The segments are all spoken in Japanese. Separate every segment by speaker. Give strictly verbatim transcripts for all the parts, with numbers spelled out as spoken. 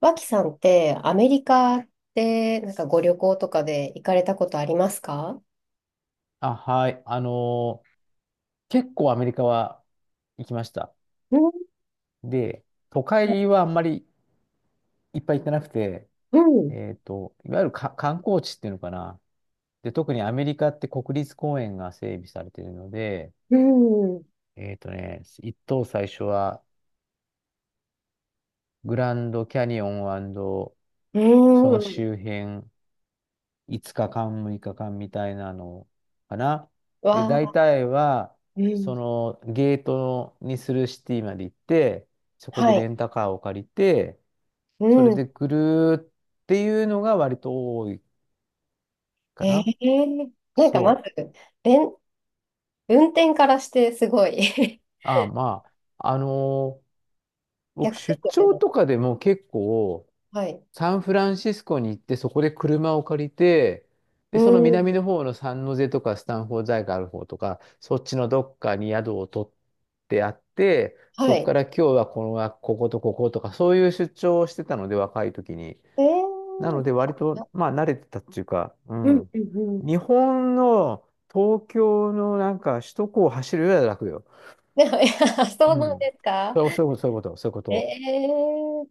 Speaker 1: 脇さんってアメリカってなんかご旅行とかで行かれたことありますか？
Speaker 2: あ、はい。あのー結構アメリカは行きました。
Speaker 1: うん。
Speaker 2: で、都会はあんまりいっぱい行ってなくて、
Speaker 1: うん。
Speaker 2: えっと、いわゆるか観光地っていうのかな。で、特にアメリカって国立公園が整備されているので、
Speaker 1: うん。
Speaker 2: えっとね、一等最初はグランドキャニオン
Speaker 1: う
Speaker 2: その
Speaker 1: ん。
Speaker 2: 周辺いつかかん、むいかかんみたいなのかな。
Speaker 1: わ
Speaker 2: で、大
Speaker 1: あ。
Speaker 2: 体は、
Speaker 1: う
Speaker 2: そ
Speaker 1: ん。
Speaker 2: のゲートにするシティまで行って、そこ
Speaker 1: は
Speaker 2: でレ
Speaker 1: い。
Speaker 2: ンタカーを借りて、
Speaker 1: う
Speaker 2: それ
Speaker 1: ん。
Speaker 2: でぐるーっていうのが割と多いか
Speaker 1: え
Speaker 2: な。
Speaker 1: ー、なんかま
Speaker 2: そ
Speaker 1: ず
Speaker 2: う。
Speaker 1: れん運転からしてすごい
Speaker 2: ああ、まあ、あのー僕
Speaker 1: 逆で
Speaker 2: 出
Speaker 1: すよ
Speaker 2: 張
Speaker 1: ね。
Speaker 2: とかでも結構、
Speaker 1: はい。
Speaker 2: サンフランシスコに行って、そこで車を借りて、
Speaker 1: う
Speaker 2: で、その
Speaker 1: ん。
Speaker 2: 南の方のサンノゼとかスタンフォード大学ある方とか、そっちのどっかに宿を取ってあって、
Speaker 1: は
Speaker 2: そこ
Speaker 1: い。
Speaker 2: から今日はこの学こことこことか、そういう出張をしてたので、若い時に。
Speaker 1: え
Speaker 2: な
Speaker 1: ー、
Speaker 2: ので、割と、
Speaker 1: あ、
Speaker 2: まあ、慣れてたっていうか、う
Speaker 1: うん。
Speaker 2: ん。
Speaker 1: うん。うん。
Speaker 2: 日本の東京のなんか首都高を走るよりは楽よ。
Speaker 1: でもいや そう
Speaker 2: う
Speaker 1: なんで
Speaker 2: ん。
Speaker 1: すか？
Speaker 2: そうそういうこと、そういうこと、そういうこ
Speaker 1: え
Speaker 2: と。
Speaker 1: ー、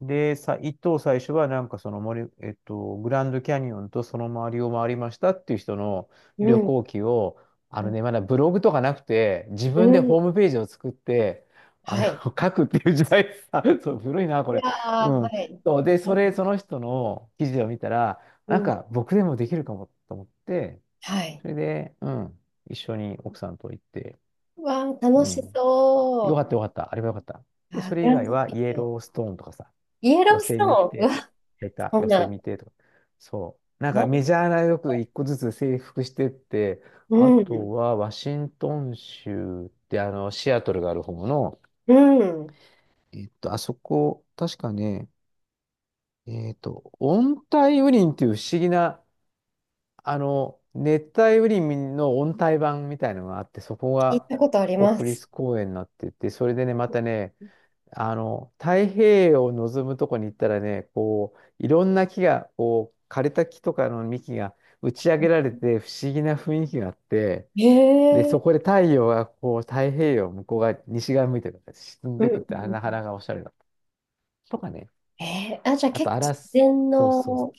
Speaker 2: で、さ、一等最初はなんかその森、えっと、グランドキャニオンとその周りを回りましたっていう人の
Speaker 1: う
Speaker 2: 旅
Speaker 1: ん。
Speaker 2: 行記を、あ
Speaker 1: う
Speaker 2: の
Speaker 1: ん。
Speaker 2: ね、まだブログとかなくて、自
Speaker 1: う
Speaker 2: 分で
Speaker 1: ん。
Speaker 2: ホームページを作って、
Speaker 1: は
Speaker 2: あの、
Speaker 1: い。
Speaker 2: 書くっていう時代、あ、そう、古いな、
Speaker 1: い
Speaker 2: これ。
Speaker 1: や
Speaker 2: う
Speaker 1: ー、は
Speaker 2: ん。
Speaker 1: い。
Speaker 2: そうで、それ、その人の記事を見たら、
Speaker 1: う
Speaker 2: なん
Speaker 1: ん、
Speaker 2: か僕でもできるかもと思って、
Speaker 1: はい。
Speaker 2: それで、うん、一緒に奥さんと行って、
Speaker 1: うわー、楽
Speaker 2: う
Speaker 1: し
Speaker 2: ん。よか
Speaker 1: そ
Speaker 2: ったよかった。あれはよかった。
Speaker 1: う。
Speaker 2: で、
Speaker 1: あ
Speaker 2: そ
Speaker 1: ー、グ
Speaker 2: れ以
Speaker 1: ラン
Speaker 2: 外
Speaker 1: ド
Speaker 2: は
Speaker 1: キャ
Speaker 2: イエ
Speaker 1: ニオン。
Speaker 2: ローストーンとかさ、
Speaker 1: イエロ
Speaker 2: 寄
Speaker 1: ース
Speaker 2: せみ
Speaker 1: トーン。
Speaker 2: て
Speaker 1: う
Speaker 2: と。
Speaker 1: わ、
Speaker 2: 出た、
Speaker 1: そん
Speaker 2: 寄せ
Speaker 1: な、
Speaker 2: みてとか。そう。なんか
Speaker 1: な、
Speaker 2: メジャーなよく一個ずつ征服してって、
Speaker 1: う
Speaker 2: あと
Speaker 1: ん、
Speaker 2: はワシントン州ってあの、シアトルがある方の、
Speaker 1: うん。
Speaker 2: えっと、あそこ、確かね、えっと、温帯雨林っていう不思議な、あの、熱帯雨林の温帯版みたいのがあって、そこ
Speaker 1: 聞い
Speaker 2: が
Speaker 1: たことありま
Speaker 2: 国
Speaker 1: す。
Speaker 2: 立公園になってて、それでね、またね、あの、太平洋を望むとこに行ったらね、こう、いろんな木が、こう、枯れた木とかの幹が打ち上げられて不思議な雰囲気があって、
Speaker 1: へ
Speaker 2: で、そ
Speaker 1: え。
Speaker 2: こで太陽がこう、太平洋向こう側、西側向いてるから沈ん
Speaker 1: うん。
Speaker 2: で
Speaker 1: う
Speaker 2: くっ
Speaker 1: ん。
Speaker 2: て、あ
Speaker 1: う
Speaker 2: なか
Speaker 1: ん。
Speaker 2: なかおしゃれだった。とかね。
Speaker 1: えー、あ、じゃあ
Speaker 2: あ
Speaker 1: 結
Speaker 2: と、
Speaker 1: 構
Speaker 2: ア
Speaker 1: 自
Speaker 2: ラス、
Speaker 1: 然
Speaker 2: そうそう、
Speaker 1: の、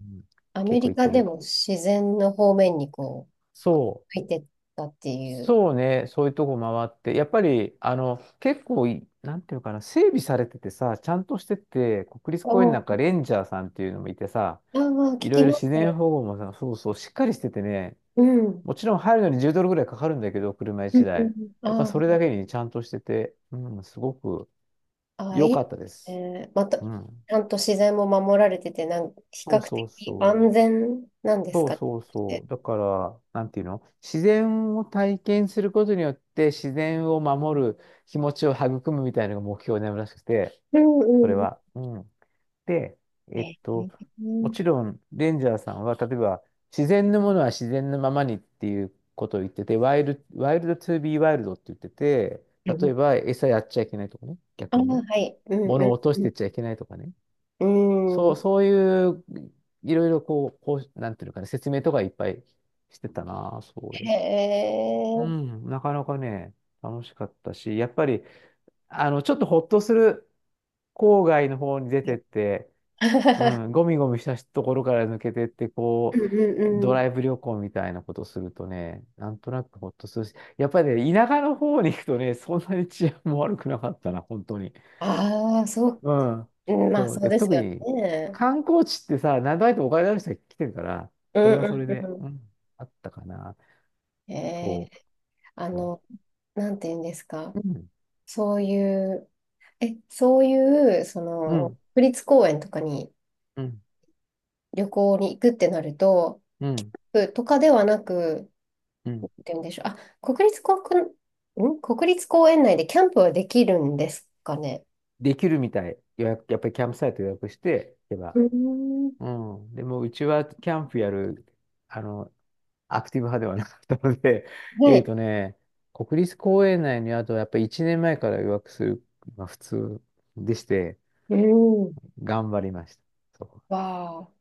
Speaker 2: うん、
Speaker 1: アメ
Speaker 2: 結構
Speaker 1: リ
Speaker 2: 行っ
Speaker 1: カ
Speaker 2: て
Speaker 1: で
Speaker 2: る。
Speaker 1: も自然の方面にこう、
Speaker 2: そう。
Speaker 1: 入ってったっていう。
Speaker 2: そうね、そういうとこ回って、やっぱり、あの、結構い、なんていうのかな、整備されててさ、ちゃんとしてて、国立公園
Speaker 1: お、
Speaker 2: な
Speaker 1: あ
Speaker 2: んかレンジャーさんっていうのもいてさ、
Speaker 1: ー、まあ聞
Speaker 2: いろい
Speaker 1: き
Speaker 2: ろ
Speaker 1: ま
Speaker 2: 自然
Speaker 1: す。
Speaker 2: 保護もさ、そうそう、しっかりしててね、
Speaker 1: うん。うん。
Speaker 2: もちろん入るのにじゅうドルぐらいかかるんだけど、車
Speaker 1: う
Speaker 2: 1
Speaker 1: ん。
Speaker 2: 台。
Speaker 1: うん。
Speaker 2: やっぱ
Speaker 1: あ
Speaker 2: それだ
Speaker 1: ー。
Speaker 2: けにちゃんとしてて、うん、すごく
Speaker 1: あ、い
Speaker 2: 良
Speaker 1: い
Speaker 2: か
Speaker 1: ね。
Speaker 2: ったで
Speaker 1: え
Speaker 2: す。
Speaker 1: ーまた、ち
Speaker 2: うん。
Speaker 1: ゃんと自然も守られてて、なん、比
Speaker 2: そ
Speaker 1: 較
Speaker 2: うそ
Speaker 1: 的
Speaker 2: うそう。
Speaker 1: 安全なんです
Speaker 2: そう
Speaker 1: か
Speaker 2: そうそ
Speaker 1: ね？
Speaker 2: う。だから、なんていうの自然を体験することによって自然を守る気持ちを育むみたいなのが目標になるらしくて、
Speaker 1: う
Speaker 2: それ
Speaker 1: ん。うん。
Speaker 2: は。うん。で、
Speaker 1: え
Speaker 2: えっ
Speaker 1: ー、
Speaker 2: と、も
Speaker 1: う
Speaker 2: ちろん、レンジャーさんは、例えば、自然のものは自然のままにっていうことを言ってて、ワイルド、ワイルドトゥービーワイルドって言ってて、例え
Speaker 1: ん。
Speaker 2: ば、餌やっちゃいけないとかね、
Speaker 1: あ
Speaker 2: 逆
Speaker 1: ー、
Speaker 2: にね、
Speaker 1: はい。うん。
Speaker 2: 物を
Speaker 1: う
Speaker 2: 落としてっちゃいけないとかね。
Speaker 1: ん。う
Speaker 2: そう、
Speaker 1: ん。
Speaker 2: そういう、いろいろこう、こう、なんていうのかな、説明とかいっぱいしてたな、そうい
Speaker 1: へ
Speaker 2: えば。う
Speaker 1: え。
Speaker 2: ん、なかなかね、楽しかったし、やっぱり、あの、ちょっとほっとする郊外の方に出てって、う
Speaker 1: うん。
Speaker 2: ん、ゴミゴミしたところから抜けてって、
Speaker 1: う
Speaker 2: こう、
Speaker 1: ん。う
Speaker 2: ド
Speaker 1: ん。
Speaker 2: ライブ旅行みたいなことするとね、なんとなくほっとするし、やっぱりね、田舎の方に行くとね、そんなに治安も悪くなかったな、本当に。
Speaker 1: ああ、そう。
Speaker 2: うん。
Speaker 1: うん、まあ、
Speaker 2: そう。
Speaker 1: そう
Speaker 2: で、
Speaker 1: です
Speaker 2: 特
Speaker 1: よ
Speaker 2: に
Speaker 1: ね。
Speaker 2: 観光地ってさ、何度あっもお金のある人が来てるから、
Speaker 1: う
Speaker 2: そ
Speaker 1: ん。
Speaker 2: れはそ
Speaker 1: う
Speaker 2: れ
Speaker 1: ん。
Speaker 2: で、
Speaker 1: う
Speaker 2: うん、あったかな。
Speaker 1: ん。え
Speaker 2: そ
Speaker 1: ー、あ
Speaker 2: う。
Speaker 1: の、なんて言うんですか。
Speaker 2: うん。
Speaker 1: そういう、え、そういう、そ
Speaker 2: う
Speaker 1: の、
Speaker 2: ん。
Speaker 1: 国立公園とかに、
Speaker 2: うん。
Speaker 1: 旅行に行くってなると、
Speaker 2: うん。
Speaker 1: ふとかではなく、
Speaker 2: う
Speaker 1: っ
Speaker 2: ん
Speaker 1: て言うんでしょう。あ、国立公園、ん国立公園内でキャンプはできるんですかね？
Speaker 2: できるみたい。予約、やっぱりキャンプサイト予約して行け
Speaker 1: う
Speaker 2: ば。
Speaker 1: ーん。
Speaker 2: うん。でも、うちはキャンプやる、あの、アクティブ派ではなかったので、
Speaker 1: は
Speaker 2: えっ
Speaker 1: い。
Speaker 2: とね、国立公園内にあと、やっぱりいちねんまえから予約する、まあ、普通でして、
Speaker 1: うーん。
Speaker 2: 頑張りました。そ
Speaker 1: わあ。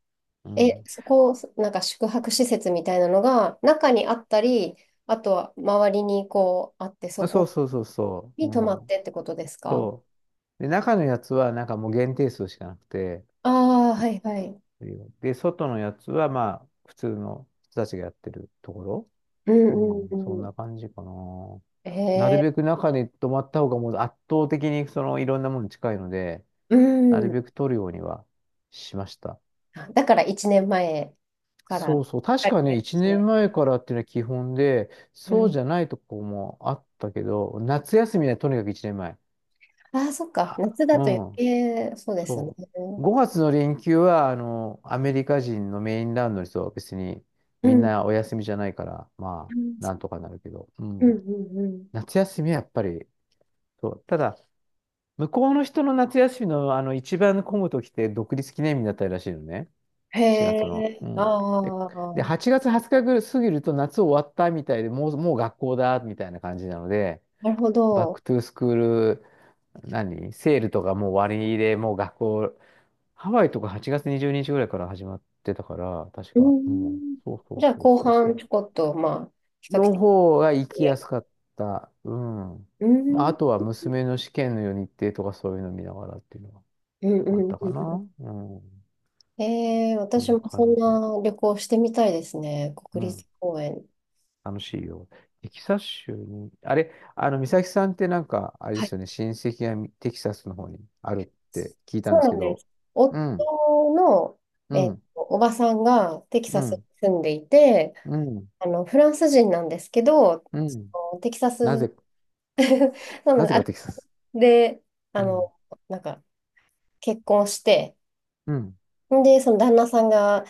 Speaker 2: う。う
Speaker 1: え、
Speaker 2: ん。
Speaker 1: そこ、なんか宿泊施設みたいなのが中にあったり、あとは周りにこうあって、そ
Speaker 2: あそう
Speaker 1: こ
Speaker 2: そうそうそう。
Speaker 1: に泊
Speaker 2: う
Speaker 1: まっ
Speaker 2: ん。
Speaker 1: てってことですか？
Speaker 2: そう。で、中のやつはなんかもう限定数しかなくて、
Speaker 1: ああー、はいはい。
Speaker 2: で、外のやつはまあ、普通の人たちがやってるところ。
Speaker 1: うん。
Speaker 2: うん、
Speaker 1: う
Speaker 2: そ
Speaker 1: ん。
Speaker 2: ん
Speaker 1: うん。
Speaker 2: な感じかな。なるべ
Speaker 1: え
Speaker 2: く中に泊まった方がもう圧倒的にそのいろんなものに近いので、
Speaker 1: ー、う
Speaker 2: なる
Speaker 1: ん。
Speaker 2: べく取るようにはしました。
Speaker 1: あ、だからいちねんまえか
Speaker 2: そ
Speaker 1: ら。
Speaker 2: うそう。
Speaker 1: は
Speaker 2: 確かね、1年
Speaker 1: い。
Speaker 2: 前からっていうのは基本で、
Speaker 1: う
Speaker 2: そう
Speaker 1: ん。
Speaker 2: じゃないとこもあったけど、夏休みはとにかくいちねんまえ。
Speaker 1: ああ、そっか。
Speaker 2: あ、
Speaker 1: 夏
Speaker 2: う
Speaker 1: だと余
Speaker 2: ん。
Speaker 1: 計、そうですね。
Speaker 2: そう。
Speaker 1: う
Speaker 2: ごがつの連休は、あの、アメリカ人のメインランドの人は別にみん
Speaker 1: ん。
Speaker 2: なお休みじゃないから、ま
Speaker 1: うん、
Speaker 2: あ、なんとかなるけど、う
Speaker 1: うん、
Speaker 2: ん。
Speaker 1: うん。
Speaker 2: 夏休みはやっぱり、そう。ただ、向こうの人の夏休みの、あの、一番混む時って独立記念日だったりらしいのね。
Speaker 1: へ
Speaker 2: しちがつの。
Speaker 1: え、
Speaker 2: う
Speaker 1: あ
Speaker 2: ん。で、で
Speaker 1: あ、
Speaker 2: はちがつはつかぐらい過ぎると夏終わったみたいで、もう、もう学校だ、みたいな感じなので、
Speaker 1: なるほ
Speaker 2: バッ
Speaker 1: ど。
Speaker 2: クトゥースクール、何セールとかもう終わりで、もう学校ハワイとかはちがつはつかぐらいから始まってたから、確
Speaker 1: う
Speaker 2: か。うん。
Speaker 1: ん。
Speaker 2: そうそう
Speaker 1: じゃあ、
Speaker 2: そう
Speaker 1: 後
Speaker 2: そうそ
Speaker 1: 半
Speaker 2: う。
Speaker 1: ちょこっと、まあ、比較的
Speaker 2: の方が行
Speaker 1: いい
Speaker 2: き
Speaker 1: や
Speaker 2: や
Speaker 1: つ。
Speaker 2: すかった。うん。
Speaker 1: う
Speaker 2: まあ、
Speaker 1: ん。う
Speaker 2: あ
Speaker 1: ん、
Speaker 2: とは娘の試験の日程とかそういうの見ながらっていうの
Speaker 1: う
Speaker 2: があっ
Speaker 1: ん、
Speaker 2: たか
Speaker 1: う
Speaker 2: な。うん。
Speaker 1: ん。へえ、
Speaker 2: そん
Speaker 1: 私
Speaker 2: な
Speaker 1: も
Speaker 2: 感
Speaker 1: そん
Speaker 2: じ。
Speaker 1: な旅行してみたいですね。
Speaker 2: う
Speaker 1: 国
Speaker 2: ん。
Speaker 1: 立公園。
Speaker 2: 楽しいよ。テキサス州に、あれ、あの、美咲さんってなんか、あれで
Speaker 1: はい。
Speaker 2: すよね、親戚がみテキサスの方にあるって聞いた
Speaker 1: そ
Speaker 2: んで
Speaker 1: う
Speaker 2: す
Speaker 1: な
Speaker 2: け
Speaker 1: んで
Speaker 2: ど、
Speaker 1: す。
Speaker 2: う
Speaker 1: 夫
Speaker 2: ん、
Speaker 1: の、
Speaker 2: う
Speaker 1: えっ
Speaker 2: ん、
Speaker 1: と、おばさんがテキ
Speaker 2: う
Speaker 1: サスに
Speaker 2: ん、
Speaker 1: 住んでいて、
Speaker 2: うん、
Speaker 1: あの、フランス人なんですけど、
Speaker 2: うん。
Speaker 1: のテキサス、
Speaker 2: なぜ、
Speaker 1: なの
Speaker 2: な
Speaker 1: で、
Speaker 2: ぜ
Speaker 1: あ、
Speaker 2: かテキサス。
Speaker 1: で、
Speaker 2: う
Speaker 1: あ
Speaker 2: ん。
Speaker 1: の、なんか、結婚して、
Speaker 2: うん。
Speaker 1: で、その旦那さんが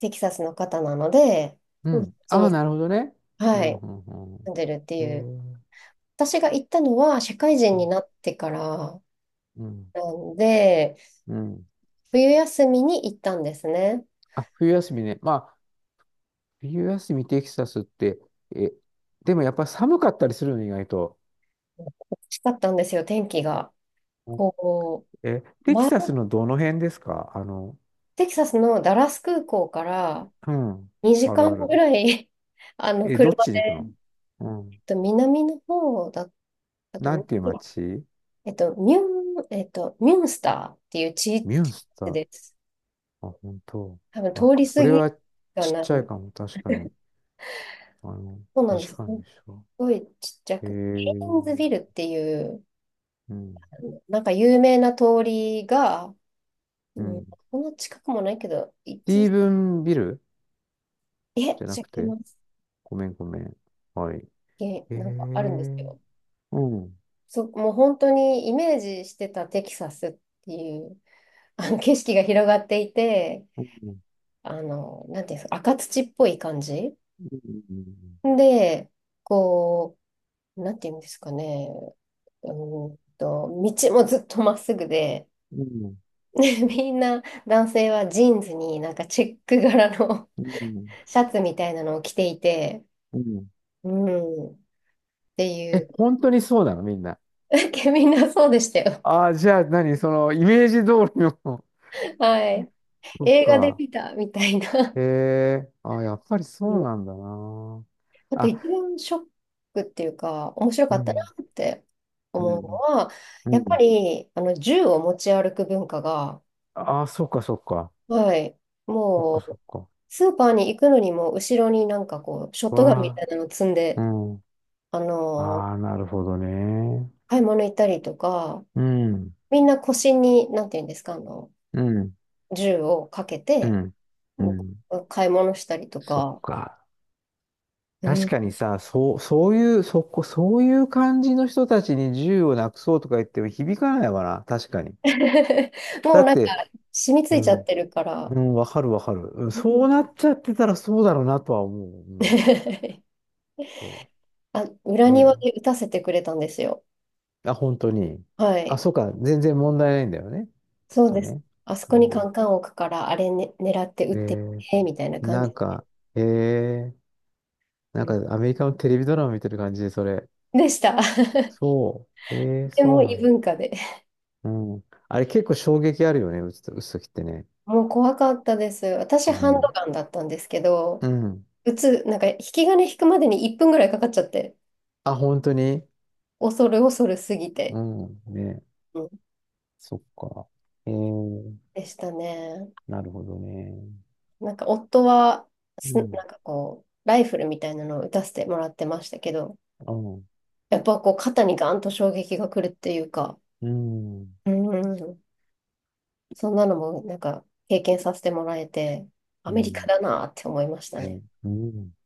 Speaker 1: テキサスの方なので、
Speaker 2: う
Speaker 1: うん。こ
Speaker 2: ん。
Speaker 1: っち
Speaker 2: ああ、
Speaker 1: に、
Speaker 2: なるほどね。う
Speaker 1: は
Speaker 2: ん、
Speaker 1: い、
Speaker 2: うん、う
Speaker 1: 住
Speaker 2: ん。
Speaker 1: んでるって
Speaker 2: へ
Speaker 1: いう。
Speaker 2: え。
Speaker 1: 私が行ったのは、社会人になってから
Speaker 2: うん。
Speaker 1: なんで、
Speaker 2: うん。
Speaker 1: 冬休みに行ったんですね。
Speaker 2: あ、冬休みね。まあ、冬休みテキサスって、え、でもやっぱ寒かったりするの、意外と。
Speaker 1: 美しかったんですよ、天気が。
Speaker 2: うん
Speaker 1: こ
Speaker 2: え、
Speaker 1: う、
Speaker 2: テキ
Speaker 1: 前、
Speaker 2: サスのどの辺ですかあの、
Speaker 1: テキサスのダラス空港から
Speaker 2: うん。
Speaker 1: 2
Speaker 2: あ
Speaker 1: 時
Speaker 2: るあ
Speaker 1: 間ぐ
Speaker 2: る。
Speaker 1: らい あの、
Speaker 2: え、どっ
Speaker 1: 車
Speaker 2: ちに行く
Speaker 1: で、
Speaker 2: のう
Speaker 1: え
Speaker 2: ん。
Speaker 1: っと南の方だったか
Speaker 2: な
Speaker 1: な。
Speaker 2: んていう街
Speaker 1: えっと、ミュン、えっと、ミュンスターっていう地域
Speaker 2: ミュンスター。
Speaker 1: です。
Speaker 2: あ、本当。
Speaker 1: 多分通
Speaker 2: あ、
Speaker 1: り
Speaker 2: そ
Speaker 1: 過
Speaker 2: れ
Speaker 1: ぎ
Speaker 2: はちっ
Speaker 1: がな
Speaker 2: ちゃい
Speaker 1: い。
Speaker 2: かも、確かに。あの、
Speaker 1: そうなんで
Speaker 2: 西
Speaker 1: す。す
Speaker 2: 館
Speaker 1: っ
Speaker 2: でしょ。
Speaker 1: ごいちっちゃ
Speaker 2: へ
Speaker 1: く。ヘイ
Speaker 2: え。
Speaker 1: ンズビルっていう、
Speaker 2: うん。
Speaker 1: なんか有名な通りが、う
Speaker 2: う
Speaker 1: ん、
Speaker 2: ん。
Speaker 1: こんな近くもないけど、
Speaker 2: ステ
Speaker 1: 一
Speaker 2: ィー
Speaker 1: 時、
Speaker 2: ブン・ビル
Speaker 1: え、違
Speaker 2: じゃなく
Speaker 1: い
Speaker 2: て、
Speaker 1: ます。
Speaker 2: ごめんごめん。はい。
Speaker 1: え、
Speaker 2: ええ
Speaker 1: なんかあるんです
Speaker 2: ー。
Speaker 1: よ。
Speaker 2: うん。
Speaker 1: そう、もう本当にイメージしてたテキサスっていう、あの景色が広がっていて、
Speaker 2: うん。うん。
Speaker 1: あの、なんていうんですか、赤土っぽい感じ。で、こう、なんていうんですかね、うーんと、道もずっとまっすぐで、
Speaker 2: うん。
Speaker 1: みんな男性はジーンズになんかチェック柄の
Speaker 2: うん。
Speaker 1: シャツみたいなのを着ていて、
Speaker 2: うんうん
Speaker 1: うん、ってい
Speaker 2: え、
Speaker 1: う、
Speaker 2: 本当にそうなのみんな。
Speaker 1: みんなそうでしたよ。
Speaker 2: ああ、じゃあ何その、イメージ通りの
Speaker 1: はい。
Speaker 2: そっ
Speaker 1: 映画で
Speaker 2: か。
Speaker 1: 見たみたいな。
Speaker 2: ええー。ああ、やっぱり
Speaker 1: う
Speaker 2: そう
Speaker 1: ん。
Speaker 2: なんだな。
Speaker 1: あと一
Speaker 2: あ、
Speaker 1: 番ショックっていうか、面白か
Speaker 2: う
Speaker 1: ったな
Speaker 2: ん。
Speaker 1: って
Speaker 2: う
Speaker 1: 思うの
Speaker 2: ん。
Speaker 1: は、
Speaker 2: う
Speaker 1: やっぱ
Speaker 2: ん。
Speaker 1: りあの銃を持ち歩く文化が、
Speaker 2: ああ、そっかそっか。
Speaker 1: はい。
Speaker 2: そっか
Speaker 1: も
Speaker 2: そ
Speaker 1: う、
Speaker 2: っか。
Speaker 1: スーパーに行くのにも、後ろになんかこう、ショットガンみた
Speaker 2: わ
Speaker 1: いなの積ん
Speaker 2: あ。う
Speaker 1: で、
Speaker 2: ん。
Speaker 1: あのー
Speaker 2: ああ、なるほどね。
Speaker 1: 買い物行ったりとか、
Speaker 2: うん。
Speaker 1: みんな腰に、なんていうんですか、あの、
Speaker 2: うん。
Speaker 1: 銃をかけ
Speaker 2: う
Speaker 1: て、
Speaker 2: ん。う
Speaker 1: うん。
Speaker 2: ん。
Speaker 1: 買い物したりと
Speaker 2: そっ
Speaker 1: か、
Speaker 2: か。
Speaker 1: う
Speaker 2: 確
Speaker 1: ん
Speaker 2: かにさ、そう、そういう、そこ、そういう感じの人たちに銃をなくそうとか言っても響かないわな。確かに。
Speaker 1: も
Speaker 2: だ
Speaker 1: う
Speaker 2: っ
Speaker 1: なんか、
Speaker 2: て、
Speaker 1: 染みつ
Speaker 2: う
Speaker 1: いちゃっ
Speaker 2: ん。
Speaker 1: てるか
Speaker 2: う
Speaker 1: ら、
Speaker 2: ん、わかるわかる。うん
Speaker 1: う
Speaker 2: そ
Speaker 1: ん
Speaker 2: うなっちゃってたらそうだろうなとは思う。うん。そ
Speaker 1: あ、裏
Speaker 2: う。
Speaker 1: 庭
Speaker 2: ね
Speaker 1: で打たせてくれたんですよ。
Speaker 2: え。あ、本当に。
Speaker 1: は
Speaker 2: あ、
Speaker 1: い。
Speaker 2: そうか。全然問題ないんだよね。きっ
Speaker 1: そう
Speaker 2: と
Speaker 1: です。
Speaker 2: ね。
Speaker 1: あそこ
Speaker 2: う
Speaker 1: にカ
Speaker 2: ん。
Speaker 1: ンカン置くから、あれ、ね、狙って打
Speaker 2: え
Speaker 1: ってみ
Speaker 2: ー、
Speaker 1: て、みたいな感
Speaker 2: な
Speaker 1: じ。
Speaker 2: んか、えー、な
Speaker 1: う
Speaker 2: んか
Speaker 1: ん、
Speaker 2: アメリカのテレビドラマ見てる感じで、それ。
Speaker 1: でした。
Speaker 2: そう。えー、
Speaker 1: て
Speaker 2: そ
Speaker 1: も
Speaker 2: うな
Speaker 1: 異
Speaker 2: んだ。
Speaker 1: 文化で。
Speaker 2: うん。あれ結構衝撃あるよね、打つと、打つときってね。
Speaker 1: もう怖かったです。私、ハンド
Speaker 2: ね
Speaker 1: ガンだったんですけど、
Speaker 2: え。うん。
Speaker 1: 撃つ、なんか、引き金引くまでにいっぷんぐらいかかっちゃって、
Speaker 2: あ、本当に
Speaker 1: 恐る恐るすぎ
Speaker 2: う
Speaker 1: て、
Speaker 2: ん。ね
Speaker 1: うん、
Speaker 2: そっか。えー、
Speaker 1: でしたね。
Speaker 2: なるほどね。
Speaker 1: なんか、夫は、
Speaker 2: う
Speaker 1: すな
Speaker 2: ん。
Speaker 1: んかこう、ライフルみたいなのを撃たせてもらってましたけど、
Speaker 2: うん。
Speaker 1: やっぱこう、肩にガンと衝撃が来るっていうか、
Speaker 2: うん。
Speaker 1: うん。そんなのも、なんか、経験させてもらえて、ア
Speaker 2: う
Speaker 1: メリカ
Speaker 2: ん。
Speaker 1: だなって思いましたね。
Speaker 2: ねうん